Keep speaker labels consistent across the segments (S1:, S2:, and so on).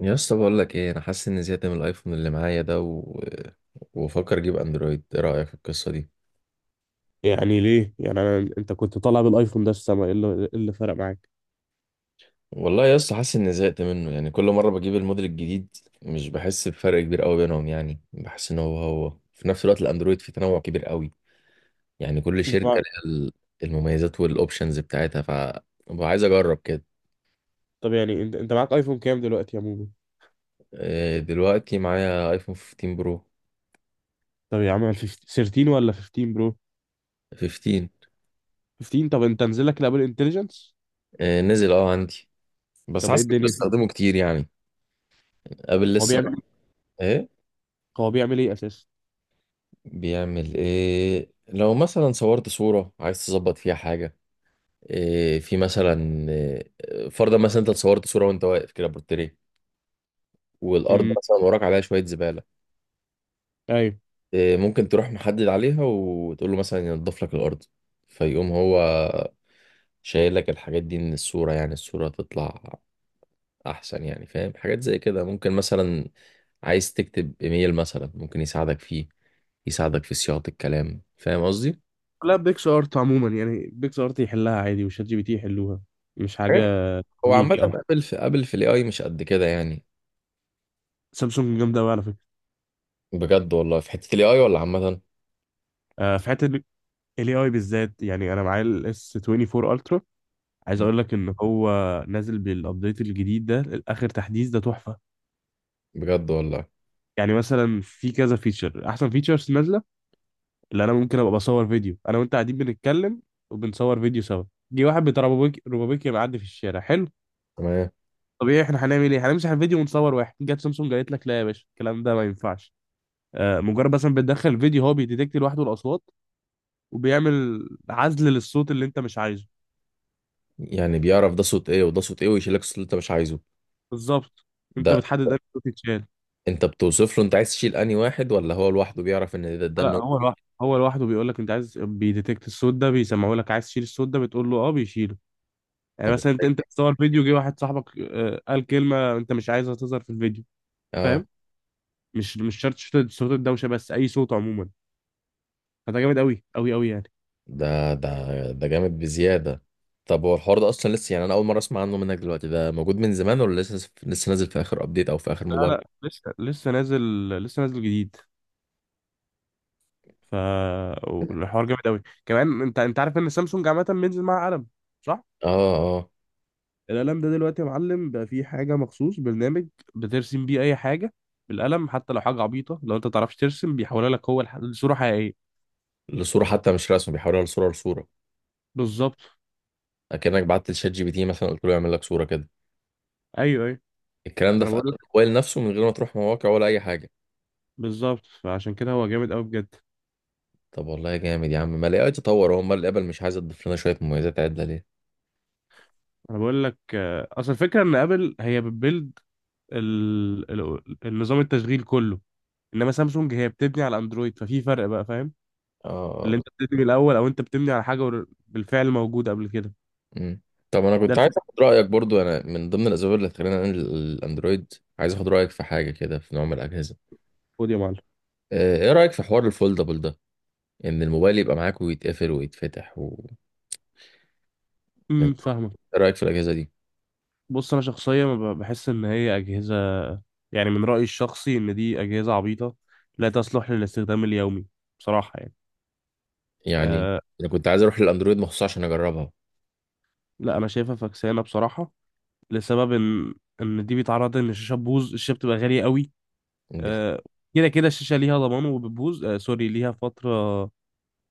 S1: يا اسطى بقول لك ايه، انا حاسس اني زهقت من الايفون اللي معايا ده وفكر اجيب اندرويد. ايه رايك في القصه دي؟
S2: يعني ليه يعني أنا انت كنت طالع بالايفون ده في السما، إيه اللي فرق معاك؟
S1: والله يا اسطى حاسس اني زهقت منه، يعني كل مره بجيب الموديل الجديد مش بحس بفرق كبير قوي بينهم، يعني بحس ان هو هو. في نفس الوقت الاندرويد فيه تنوع كبير قوي، يعني كل
S2: اللي
S1: شركه
S2: فرق-
S1: ليها المميزات والاوبشنز بتاعتها، ف ببقى عايز اجرب كده.
S2: طب، يعني انت معاك ايفون كام دلوقتي يا موجود؟
S1: دلوقتي معايا ايفون 15 برو.
S2: طب يا عم، 15، 13 ولا 15 برو؟
S1: 15.
S2: 15. طب انت نزل لك الابل انتليجنس؟
S1: نزل اه عندي، بس
S2: طب ايه
S1: حاسس اني
S2: الدنيا،
S1: بستخدمه كتير يعني قبل
S2: هو
S1: لسه.
S2: بيعمل
S1: ايه
S2: هو بيعمل ايه اساسا؟
S1: بيعمل؟ ايه لو مثلا صورت صورة عايز تظبط فيها حاجة؟ إيه في مثلا إيه، فرضا مثلا انت صورت صورة وانت واقف كده بورتريه، والارض
S2: امم،
S1: مثلا وراك عليها شوية زبالة.
S2: ايوه.
S1: إيه ممكن تروح محدد عليها وتقول له مثلا ينضف لك الارض، فيقوم هو شايل لك الحاجات دي من الصورة، يعني الصورة تطلع احسن. يعني فاهم، حاجات زي كده. ممكن مثلا عايز تكتب ايميل، مثلا ممكن يساعدك فيه، يساعدك في صياغة الكلام. فاهم قصدي؟
S2: لا، بيكس ارت عموما يعني بيكس ارت يحلها عادي وشات جي بي تي يحلوها، مش حاجه
S1: هو عامة
S2: يونيك او حاجة.
S1: قبل في الاي اي مش قد كده يعني.
S2: سامسونج جامده قوي على فكره.
S1: بجد والله في حتة الاي اي ولا عامة؟
S2: آه، في حته الاي اي بالذات، يعني انا معايا الاس 24 الترا، عايز
S1: مم.
S2: اقول لك ان هو نازل بالابديت الجديد ده. الاخر تحديث ده تحفه.
S1: بجد والله؟
S2: يعني مثلا في كذا فيتشر، احسن فيتشرز نازله اللي انا ممكن ابقى بصور فيديو انا وانت قاعدين بنتكلم وبنصور فيديو سوا. جه واحد بتاع روبابيكي روبابيكي معدي في الشارع، حلو.
S1: تمام.
S2: طبيعي احنا هنعمل ايه؟ هنمسح الفيديو ونصور واحد. جت سامسونج قالت لك لا يا باشا، الكلام ده ما ينفعش. آه، مجرد مثلا بتدخل الفيديو، هو بيديتكت لوحده الاصوات وبيعمل عزل للصوت اللي انت مش عايزه.
S1: يعني بيعرف ده صوت ايه وده صوت ايه، ويشيل لك الصوت اللي انت مش عايزه؟
S2: بالظبط. انت
S1: ده
S2: بتحدد انهي صوت يتشال.
S1: انت بتوصف له انت عايز تشيل انهي واحد، ولا هو لوحده بيعرف ان ده
S2: لا،
S1: النوع
S2: هو
S1: دي؟
S2: لوحده هو لوحده بيقول لك انت عايز، بيديتكت الصوت ده بيسمعه لك، عايز تشيل الصوت ده بتقول له اه، بيشيله. يعني
S1: طب
S2: مثلا انت بتصور فيديو، جه واحد صاحبك قال كلمه انت مش عايزها تظهر في الفيديو،
S1: اه.
S2: فاهم؟ مش شرط صوت الدوشه، بس اي صوت عموما. فده جامد قوي قوي قوي يعني.
S1: ده جامد بزيادة. طب هو الحوار ده اصلا لسه؟ يعني انا اول مرة اسمع عنه منك دلوقتي. ده موجود من زمان ولا لسه لسه نازل في اخر ابديت او في اخر
S2: لا،
S1: موبايل؟
S2: لا، لسه نازل، لسه نازل جديد. ف الحوار جامد قوي كمان، انت عارف ان سامسونج عامه بينزل معاها قلم، صح؟
S1: اه اه.
S2: القلم ده دلوقتي يا معلم، بقى فيه حاجة، مخصوص برنامج بترسم بيه أي حاجة، بالقلم حتى لو حاجة عبيطة، لو أنت متعرفش ترسم بيحولها لك هو لصورة حقيقية.
S1: لصورة حتى؟ مش رسم، بيحولها لصورة
S2: بالظبط.
S1: اكنك بعت لشات جي بي تي مثلا قلت له يعمل لك صورة كده.
S2: أيوه، أيوه.
S1: الكلام ده
S2: أنا
S1: في قلب
S2: بقول لك،
S1: الموبايل نفسه، من غير ما تروح مواقع ولا اي حاجه.
S2: بالظبط، فعشان كده هو جامد أوي بجد.
S1: طب والله جامد يا عم. ما الاي اي تطور، هو امال الابل مش عايز تضيف لنا شويه مميزات عدله ليه؟
S2: أنا بقول لك، أصل الفكرة إن أبل هي بتبيلد النظام التشغيل كله، إنما سامسونج هي بتبني على أندرويد، ففي فرق بقى، فاهم؟ اللي
S1: اه.
S2: أنت بتبني الأول أو أنت بتبني على حاجة بالفعل موجودة قبل كده.
S1: مم. طب انا
S2: ده
S1: كنت عايز
S2: الفرق.
S1: اخد رايك برضو. انا من ضمن الاسباب اللي خلاني انقل الاندرويد، عايز اخد رايك في حاجه كده في نوع من الاجهزه.
S2: خد يا معلم.
S1: ايه رايك في حوار الفولدبل ده؟ ان الموبايل يبقى معاك ويتقفل ويتفتح من...
S2: فاهمك.
S1: ايه رايك في الاجهزه دي؟
S2: بص، انا شخصيا بحس ان هي اجهزه، يعني من رايي الشخصي ان دي اجهزه عبيطه، لا تصلح للاستخدام اليومي، بصراحه يعني.
S1: يعني
S2: أه.
S1: انا كنت عايز اروح للاندرويد مخصوص عشان اجربها.
S2: لا، انا شايفها فكسانه بصراحه، لسبب ان دي بيتعرض ان الشاشه تبوظ، الشاشه بتبقى غاليه قوي.
S1: دي حاجة.
S2: أه، كده كده الشاشه ليها ضمان وبتبوظ، أه سوري، ليها فتره،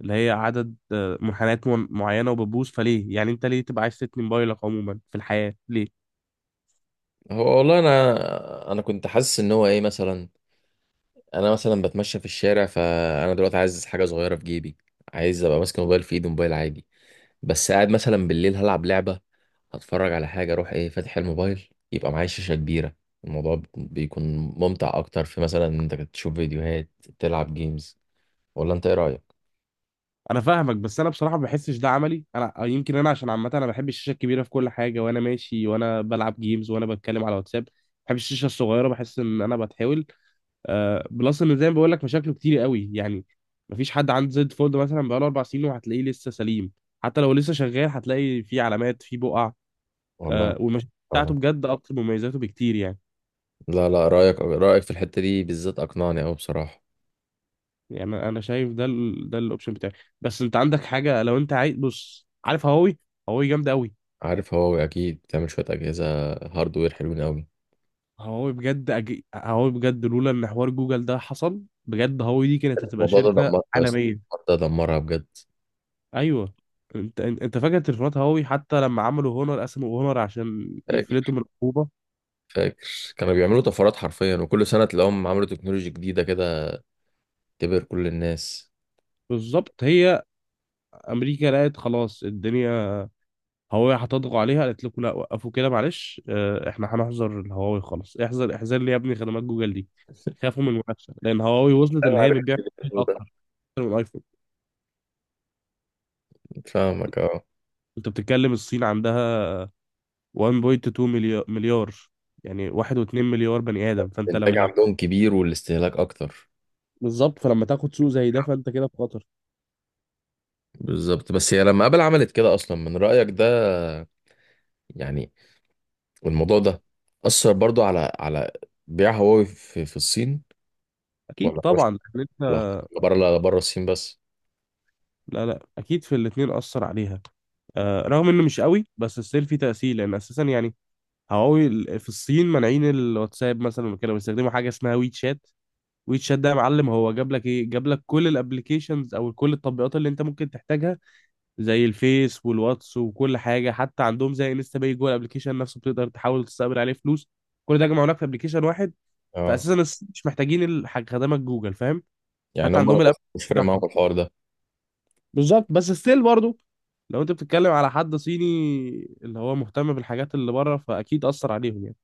S2: اللي هي عدد منحنيات معينه وبتبوظ. فليه يعني انت ليه تبقى عايز تتني موبايلك عموما في الحياه، ليه؟
S1: هو والله انا كنت حاسس ان هو ايه مثلا، انا مثلا بتمشى في الشارع، فانا دلوقتي عايز حاجه صغيره في جيبي، عايز ابقى ماسك موبايل في ايدي موبايل عادي. بس قاعد مثلا بالليل هلعب لعبه، هتفرج على حاجه، اروح ايه فاتح الموبايل يبقى معايا شاشه كبيره. الموضوع بيكون ممتع اكتر في مثلا إن انت تشوف فيديوهات، تلعب جيمز. ولا انت ايه رايك؟
S2: انا فاهمك، بس انا بصراحه ما بحسش ده عملي انا، يمكن انا عشان عامه انا بحب الشاشه الكبيره في كل حاجه، وانا ماشي وانا بلعب جيمز وانا بتكلم على واتساب، بحب الشاشه الصغيره، بحس ان انا بتحاول، بلس ان زي ما بقول لك مشاكله كتير قوي يعني. مفيش حد عنده زد فولد مثلا بقاله اربع سنين وهتلاقيه لسه سليم، حتى لو لسه شغال هتلاقي فيه علامات، فيه بقع.
S1: والله
S2: والمشاكل بتاعته
S1: فعلا.
S2: بجد اكتر من مميزاته بكتير يعني.
S1: لا لا، رايك في الحته دي بالذات اقنعني قوي بصراحه.
S2: يعني انا شايف ده الاوبشن بتاعي، بس انت عندك حاجه لو انت عايز، بص، عارف هواوي؟ هواوي جامده قوي.
S1: عارف هواوي؟ اكيد بتعمل شويه اجهزه هاردوير حلوين قوي.
S2: هواوي بجد لولا ان حوار جوجل ده حصل، بجد هواوي دي كانت هتبقى
S1: الموضوع ده
S2: شركة
S1: دمرها بس.
S2: عالمية.
S1: ده دمرها بجد.
S2: ايوه. انت فاكر تليفونات هواوي حتى لما عملوا هونر، قسموا هونر عشان يفلتوا من العقوبة؟
S1: فاكر، كانوا بيعملوا طفرات حرفيا، وكل سنة تلاقيهم عملوا تكنولوجيا جديدة كده تبهر كل الناس.
S2: بالظبط. هي امريكا لقت خلاص الدنيا، هواوي هتضغط عليها، قالت لكم لا، وقفوا كده، معلش، احنا هنحظر الهواوي، خلاص احذر احذر لي يا ابني خدمات جوجل دي. خافوا من المنافسة لان هواوي وصلت ان
S1: انا
S2: هي
S1: عارف
S2: بتبيع
S1: الموضوع ده.
S2: اكتر من الايفون.
S1: فاهمك اه.
S2: انت بتتكلم الصين عندها 1.2 مليار، يعني 1.2 مليار بني آدم، فأنت
S1: الإنتاج
S2: لما...
S1: عندهم كبير والاستهلاك أكتر.
S2: بالظبط، فلما تاخد سوق زي ده فأنت كده في خطر.
S1: بالظبط. بس هي لما آبل عملت كده أصلا من رأيك ده يعني، والموضوع ده أثر برضو على على بيع هواوي في الصين؟
S2: أكيد
S1: ولا مش
S2: طبعا، لأن أنت...
S1: ولا بره؟ لا، بره الصين بس.
S2: لا، لا، أكيد في الاتنين أثر عليها. آه، رغم إنه مش قوي بس ستيل في تأثير، لأن أساسا يعني هواوي في الصين مانعين الواتساب مثلا وكده، بيستخدموا حاجة اسمها ويت شات. ويت شات ده يا معلم، هو جاب لك إيه؟ جاب لك كل الابلكيشنز أو كل التطبيقات اللي أنت ممكن تحتاجها، زي الفيس والواتس وكل حاجه، حتى عندهم زي انستا باي جوه الابلكيشن نفسه، بتقدر تحاول تستقبل عليه فلوس. كل ده جمعوا لك في ابلكيشن واحد.
S1: اه،
S2: فاساسا مش محتاجين خدمات جوجل، فاهم؟
S1: يعني
S2: حتى
S1: هم
S2: عندهم الاب
S1: مش فارق معاهم
S2: بتاعهم.
S1: الحوار ده؟
S2: بالظبط، بس ستيل برضه، لو انت بتتكلم على حد صيني اللي هو مهتم بالحاجات اللي بره فاكيد اثر عليهم يعني،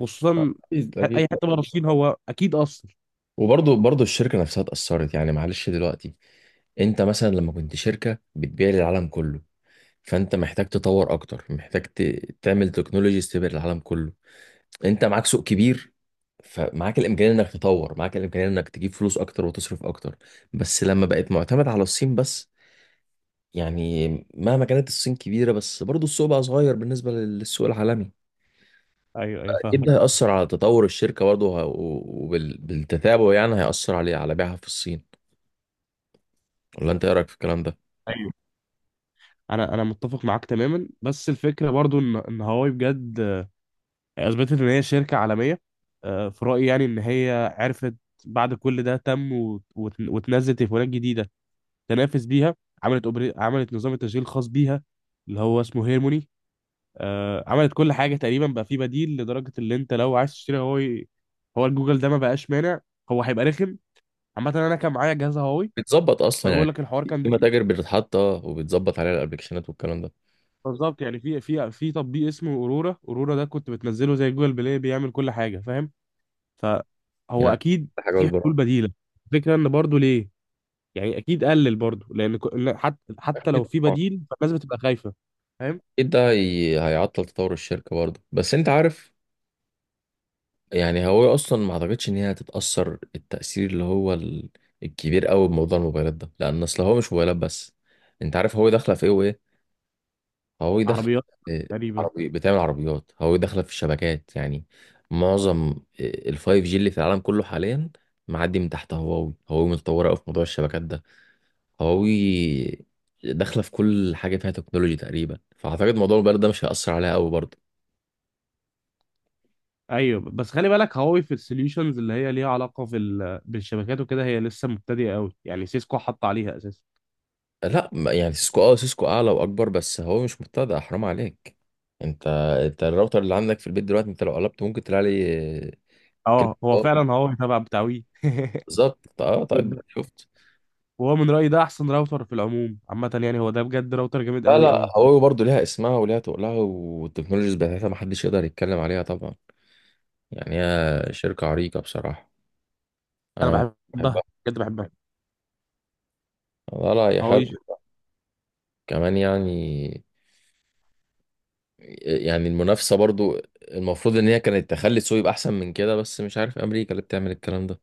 S2: خصوصا
S1: أكيد أكيد.
S2: اي حته بره الصين، هو اكيد اثر.
S1: وبرضه برضه الشركة نفسها اتأثرت، يعني معلش. دلوقتي انت مثلا لما كنت شركة بتبيع للعالم كله، فانت محتاج تطور اكتر، محتاج تعمل تكنولوجيز تبيع للعالم كله. انت معاك سوق كبير، فمعاك الامكانية انك تطور، معاك الامكانية انك تجيب فلوس اكتر وتصرف اكتر. بس لما بقت معتمد على الصين بس، يعني مهما كانت الصين كبيرة بس برضه السوق بقى صغير بالنسبة للسوق العالمي.
S2: ايوه، ايوه،
S1: اكيد
S2: فاهمك
S1: ده
S2: طبعا.
S1: هيأثر على تطور الشركة برضه، وبالتتابع يعني هيأثر عليه على بيعها في الصين. ولا انت ايه رايك في الكلام ده؟
S2: انا متفق معاك تماما، بس الفكره برضو ان هواوي بجد اثبتت ان هي شركه عالميه. في رايي يعني ان هي عرفت بعد كل ده تم، وتنزل تليفونات جديده تنافس بيها. عملت نظام التشغيل الخاص بيها، اللي هو اسمه هيرموني. عملت كل حاجه تقريبا، بقى في بديل لدرجه اللي انت لو عايز تشتري هواوي، هو الجوجل ده ما بقاش مانع، هو هيبقى رخم. عامه انا كان معايا جهاز هواوي
S1: بتظبط اصلا
S2: وانا
S1: يعني؟
S2: بقول لك الحوار كان
S1: في
S2: ده.
S1: متاجر بتتحط اه، وبتظبط عليها الابلكيشنات والكلام ده؟
S2: بالظبط، يعني في تطبيق اسمه اورورا، اورورا ده كنت بتنزله زي جوجل بلاي، بيعمل كل حاجه، فاهم؟ فهو
S1: يعني
S2: اكيد
S1: ده حاجه،
S2: في حلول
S1: والبرامج.
S2: بديله. الفكره ان برضو ليه، يعني اكيد قلل برضو لان لا، حتى لو
S1: اكيد
S2: في
S1: طبعاً.
S2: بديل فالناس بتبقى خايفه، فاهم؟
S1: اكيد ده هيعطل تطور الشركه برضه. بس انت عارف، يعني هو اصلا ما اعتقدش ان هي هتتاثر التاثير اللي هو الكبير قوي بموضوع الموبايلات ده، لان اصل هو مش موبايلات بس. انت عارف هو داخله في ايه وايه. هواوي داخلة.
S2: عربيات
S1: آه،
S2: تقريبا.
S1: عربي، بتعمل عربيات. هواوي داخلة في الشبكات يعني، معظم الفايف جي اللي في العالم كله حاليا معدي من تحت هواوي. هواوي متطورة أوي في موضوع الشبكات ده. هواوي داخلة في كل حاجة فيها تكنولوجي تقريبا، فأعتقد موضوع الموبايل ده مش هيأثر عليها أوي برضه.
S2: ايوه، بس خلي بالك، هواوي في السوليوشنز اللي هي ليها علاقه بالشبكات وكده، هي لسه مبتدئه قوي يعني، سيسكو حط عليها اساسا.
S1: لا يعني سيسكو، اه، سيسكو أعلى وأكبر، بس هواوي مش مبتدأ حرام عليك. انت انت الراوتر اللي عندك في البيت دلوقتي، انت لو قلبت ممكن تلاقي عليه كلمة
S2: اه، هو
S1: ضار.
S2: فعلا هواوي تبع بتاع وي.
S1: بالظبط اه. طيب، شفت؟
S2: وهو من رايي ده احسن راوتر في العموم عامه يعني، هو ده بجد راوتر جامد
S1: لا
S2: قوي
S1: لا،
S2: قوي.
S1: هو برضه ليها اسمها وليها تقلها، والتكنولوجيز بتاعتها محدش يقدر يتكلم عليها طبعا. يعني هي شركة عريقة بصراحة.
S2: انا
S1: أنا
S2: بحبها،
S1: بحبها.
S2: بجد بحبها
S1: لا لا هي
S2: هواوي.
S1: حلوة كمان يعني. يعني المنافسة برضه، المفروض إن هي كانت تخلي السوق يبقى أحسن من كده، بس مش عارف أمريكا اللي بتعمل الكلام ده.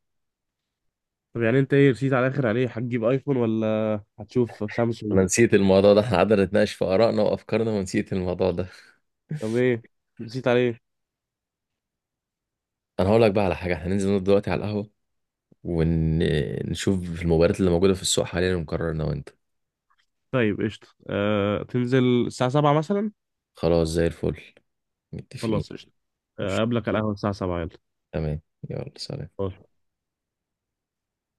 S2: طب يعني انت ايه رسيت على الاخر عليه، هتجيب ايفون ولا هتشوف سامسونج؟
S1: أنا نسيت الموضوع ده. إحنا قعدنا نتناقش في آرائنا وأفكارنا ونسيت الموضوع ده.
S2: طب ايه رسيت عليه؟
S1: أنا هقول لك بقى على حاجة، إحنا ننزل نقعد دلوقتي على القهوة ونشوف المباريات اللي موجودة في السوق حاليا، ونقرر أنا وأنت.
S2: طيب قشطة، تنزل الساعة 7 مثلا؟
S1: خلاص زي الفل. متفقين.
S2: خلاص قشطة. اقابلك على القهوة الساعة 7.
S1: تمام. يلا سلام.
S2: يلا.